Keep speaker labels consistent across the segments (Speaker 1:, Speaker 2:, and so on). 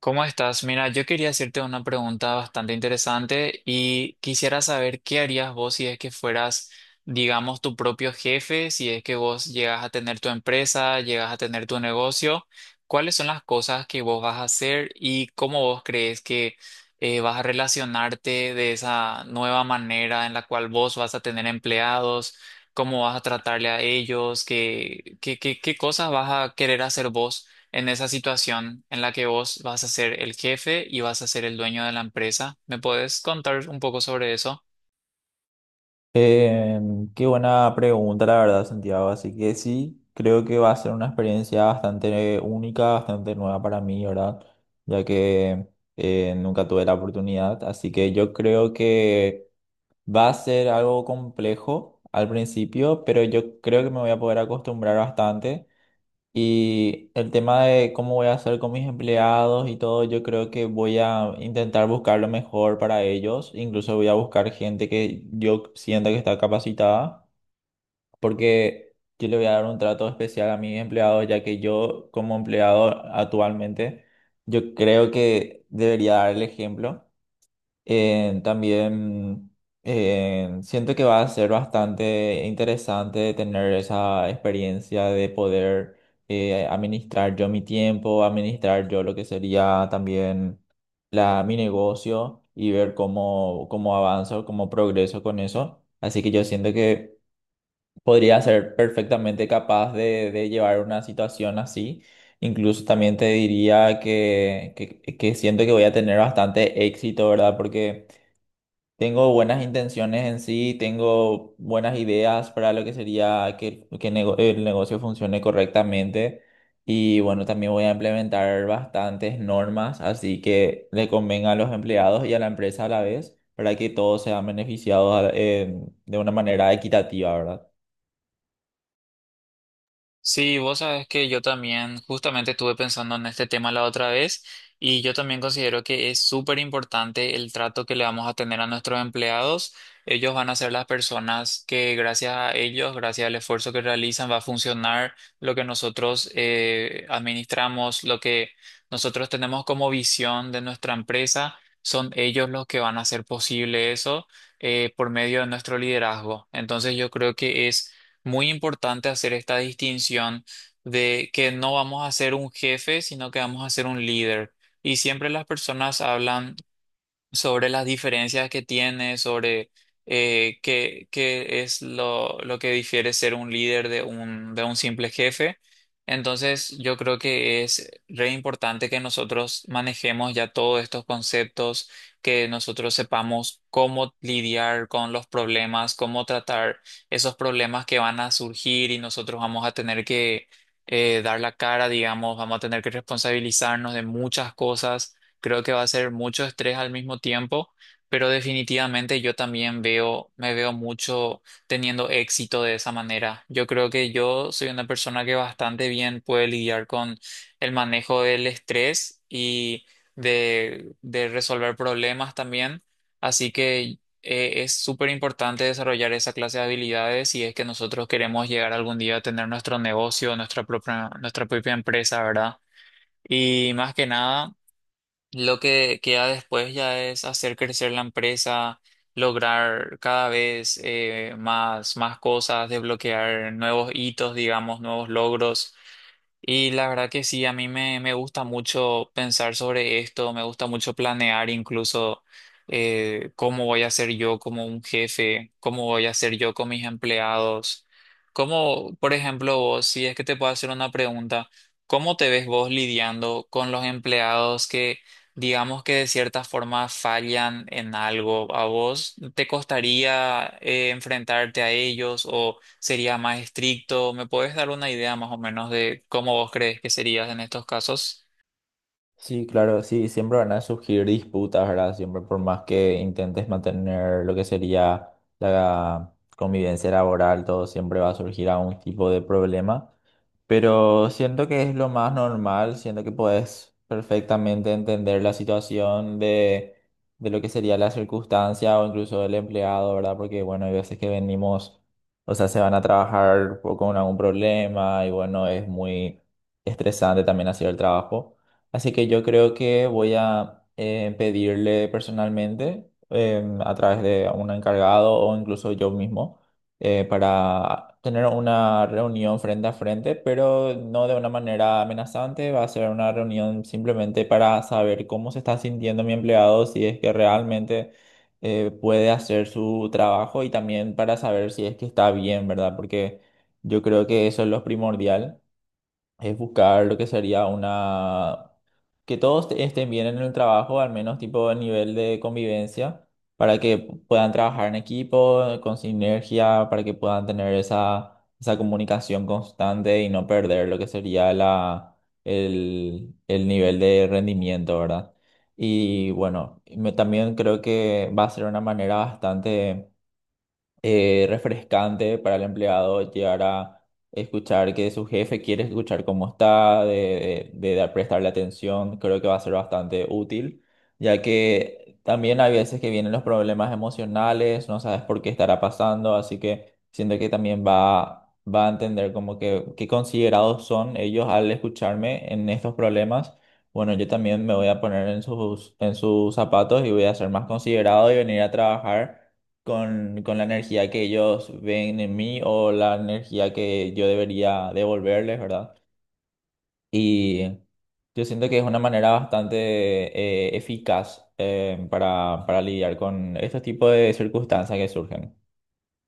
Speaker 1: ¿Cómo estás? Mira, yo quería hacerte una pregunta bastante interesante y quisiera saber qué harías vos si es que fueras, digamos, tu propio jefe, si es que vos llegas a tener tu empresa, llegas a tener tu negocio. ¿Cuáles son las cosas que vos vas a hacer y cómo vos crees que vas a relacionarte de esa nueva manera en la cual vos vas a tener empleados, cómo vas a tratarle a ellos, qué cosas vas a querer hacer vos en esa situación en la que vos vas a ser el jefe y vas a ser el dueño de la empresa? ¿Me puedes contar un poco sobre eso?
Speaker 2: Eh, Qué buena pregunta, la verdad, Santiago. Así que sí, creo que va a ser una experiencia bastante única, bastante nueva para mí, ¿verdad? Ya que nunca tuve la oportunidad. Así que yo creo que va a ser algo complejo al principio, pero yo creo que me voy a poder acostumbrar bastante. Y el tema de cómo voy a hacer con mis empleados y todo, yo creo que voy a intentar buscar lo mejor para ellos. Incluso voy a buscar gente que yo sienta que está capacitada, porque yo le voy a dar un trato especial a mis empleados, ya que yo como empleado actualmente, yo creo que debería dar el ejemplo. También siento que va a ser bastante interesante tener esa experiencia de poder administrar yo mi tiempo, administrar yo lo que sería también mi negocio y ver cómo, cómo avanzo, cómo progreso con eso. Así que yo siento que podría ser perfectamente capaz de llevar una situación así. Incluso también te diría que siento que voy a tener bastante éxito, ¿verdad? Porque tengo buenas intenciones en sí, tengo buenas ideas para lo que sería que el negocio funcione correctamente y bueno, también voy a implementar bastantes normas, así que le convenga a los empleados y a la empresa a la vez para que todos sean beneficiados de una manera equitativa, ¿verdad?
Speaker 1: Sí, vos sabes que yo también justamente estuve pensando en este tema la otra vez y yo también considero que es súper importante el trato que le vamos a tener a nuestros empleados. Ellos van a ser las personas que gracias a ellos, gracias al esfuerzo que realizan, va a funcionar lo que nosotros administramos, lo que nosotros tenemos como visión de nuestra empresa. Son ellos los que van a hacer posible eso por medio de nuestro liderazgo. Entonces yo creo que es muy importante hacer esta distinción de que no vamos a ser un jefe, sino que vamos a ser un líder. Y siempre las personas hablan sobre las diferencias que tiene, sobre qué es lo que difiere ser un líder de un simple jefe. Entonces, yo creo que es re importante que nosotros manejemos ya todos estos conceptos, que nosotros sepamos cómo lidiar con los problemas, cómo tratar esos problemas que van a surgir y nosotros vamos a tener que dar la cara, digamos, vamos a tener que responsabilizarnos de muchas cosas. Creo que va a ser mucho estrés al mismo tiempo, pero definitivamente yo también veo, me veo mucho teniendo éxito de esa manera. Yo creo que yo soy una persona que bastante bien puede lidiar con el manejo del estrés y de resolver problemas también. Así que es súper importante desarrollar esa clase de habilidades si es que nosotros queremos llegar algún día a tener nuestro negocio, nuestra propia empresa, ¿verdad? Y más que nada, lo que queda después ya es hacer crecer la empresa, lograr cada vez más cosas, desbloquear nuevos hitos, digamos, nuevos logros. Y la verdad que sí, a mí me gusta mucho pensar sobre esto, me gusta mucho planear incluso cómo voy a ser yo como un jefe, cómo voy a ser yo con mis empleados. Cómo, por ejemplo, vos, si es que te puedo hacer una pregunta, ¿cómo te ves vos lidiando con los empleados que, digamos, que de cierta forma fallan en algo? ¿A vos te costaría enfrentarte a ellos o sería más estricto? ¿Me puedes dar una idea más o menos de cómo vos crees que serías en estos casos?
Speaker 2: Sí, claro, sí, siempre van a surgir disputas, ¿verdad? Siempre por más que intentes mantener lo que sería la convivencia laboral, todo siempre va a surgir algún tipo de problema. Pero siento que es lo más normal, siento que puedes perfectamente entender la situación de lo que sería la circunstancia o incluso del empleado, ¿verdad? Porque, bueno, hay veces que venimos, o sea, se van a trabajar con algún problema y, bueno, es muy estresante también hacer el trabajo. Así que yo creo que voy a pedirle personalmente a través de un encargado o incluso yo mismo para tener una reunión frente a frente, pero no de una manera amenazante. Va a ser una reunión simplemente para saber cómo se está sintiendo mi empleado, si es que realmente puede hacer su trabajo y también para saber si es que está bien, ¿verdad? Porque yo creo que eso es lo primordial, es buscar lo que sería una que estén bien en el trabajo, al menos tipo a nivel de convivencia, para que puedan trabajar en equipo, con sinergia, para que puedan tener esa, esa comunicación constante y no perder lo que sería el nivel de rendimiento, ¿verdad? Y bueno, también creo que va a ser una manera bastante refrescante para el empleado llegar a escuchar que su jefe quiere escuchar cómo está, de prestarle atención, creo que va a ser bastante útil, ya que también hay veces que vienen los problemas emocionales, no sabes por qué estará pasando, así que siento que también va a entender como que qué considerados son ellos al escucharme en estos problemas. Bueno, yo también me voy a poner en en sus zapatos y voy a ser más considerado y venir a trabajar con la energía que ellos ven en mí o la energía que yo debería devolverles, ¿verdad? Y yo siento que es una manera bastante eficaz para lidiar con estos tipos de circunstancias que surgen.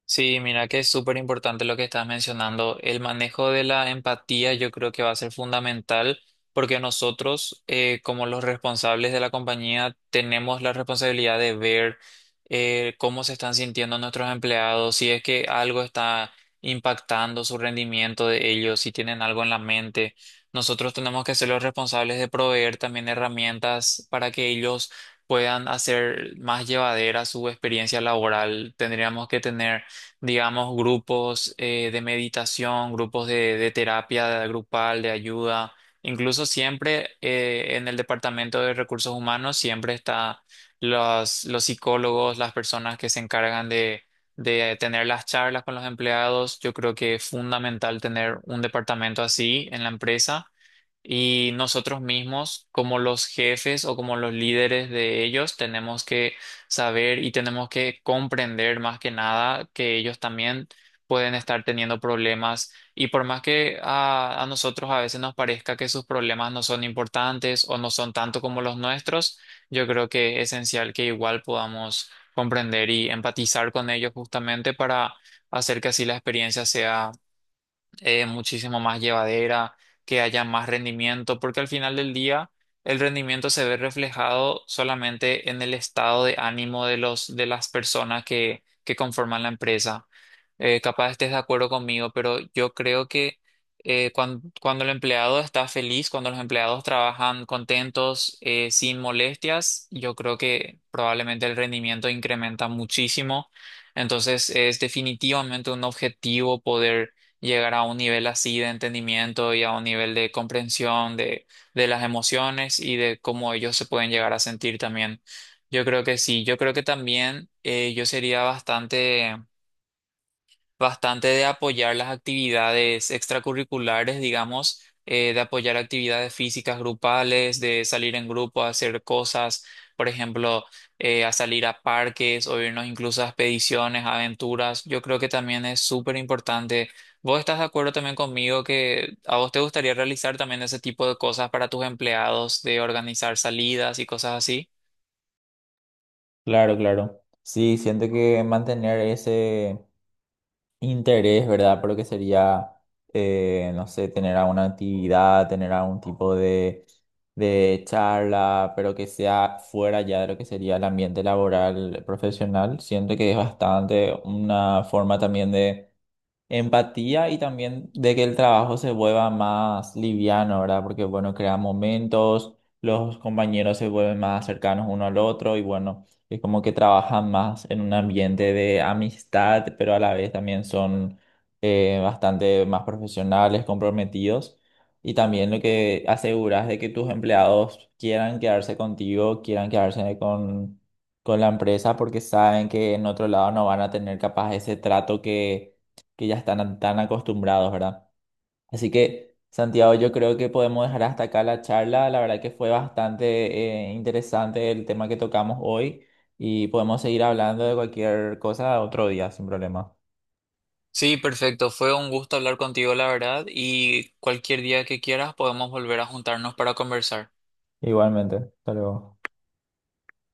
Speaker 1: Sí, mira que es súper importante lo que estás mencionando. El manejo de la empatía yo creo que va a ser fundamental porque nosotros, como los responsables de la compañía, tenemos la responsabilidad de ver cómo se están sintiendo nuestros empleados, si es que algo está impactando su rendimiento de ellos, si tienen algo en la mente. Nosotros tenemos que ser los responsables de proveer también herramientas para que ellos puedan hacer más llevadera su experiencia laboral. Tendríamos que tener, digamos, grupos de meditación, grupos de terapia grupal, de ayuda. Incluso siempre en el Departamento de Recursos Humanos siempre está los psicólogos, las personas que se encargan de tener las charlas con los empleados. Yo creo que es fundamental tener un departamento así en la empresa y nosotros mismos, como los jefes o como los líderes de ellos, tenemos que saber y tenemos que comprender más que nada que ellos también pueden estar teniendo problemas. Y por más que a nosotros a veces nos parezca que sus problemas no son importantes o no son tanto como los nuestros, yo creo que es esencial que igual podamos comprender y empatizar con ellos justamente para hacer que así la experiencia sea muchísimo más llevadera, que haya más rendimiento, porque al final del día el rendimiento se ve reflejado solamente en el estado de ánimo de los, de las personas que conforman la empresa. Capaz estés de acuerdo conmigo, pero yo creo que cuando el empleado está feliz, cuando los empleados trabajan contentos, sin molestias, yo creo que probablemente el rendimiento incrementa muchísimo. Entonces es definitivamente un objetivo poder llegar a un nivel así de entendimiento y a un nivel de comprensión de las emociones y de cómo ellos se pueden llegar a sentir también. Yo creo que sí, yo creo que también yo sería bastante de apoyar las actividades extracurriculares, digamos, de apoyar actividades físicas grupales, de salir en grupo a hacer cosas, por ejemplo, a salir a parques o irnos incluso a expediciones, aventuras. Yo creo que también es súper importante. ¿Vos estás de acuerdo también conmigo que a vos te gustaría realizar también ese tipo de cosas para tus empleados, de organizar salidas y cosas así?
Speaker 2: Claro, claro. Sí, siento que mantener ese interés, ¿verdad? Por lo que sería, no sé, tener alguna actividad, tener algún tipo de charla, pero que sea fuera ya de lo que sería el ambiente laboral profesional. Siento que es bastante una forma también de empatía y también de que el trabajo se vuelva más liviano, ¿verdad? Porque, bueno, crea momentos, los compañeros se vuelven más cercanos uno al otro y, bueno, es como que trabajan más en un ambiente de amistad, pero a la vez también son bastante más profesionales, comprometidos. Y también lo que aseguras de que tus empleados quieran quedarse contigo, quieran quedarse con la empresa porque saben que en otro lado no van a tener capaz ese trato que ya están tan acostumbrados, ¿verdad? Así que, Santiago, yo creo que podemos dejar hasta acá la charla. La verdad que fue bastante interesante el tema que tocamos hoy y podemos seguir hablando de cualquier cosa otro día, sin problema.
Speaker 1: Sí, perfecto. Fue un gusto hablar contigo, la verdad, y cualquier día que quieras podemos volver a juntarnos para conversar.
Speaker 2: Igualmente, hasta luego.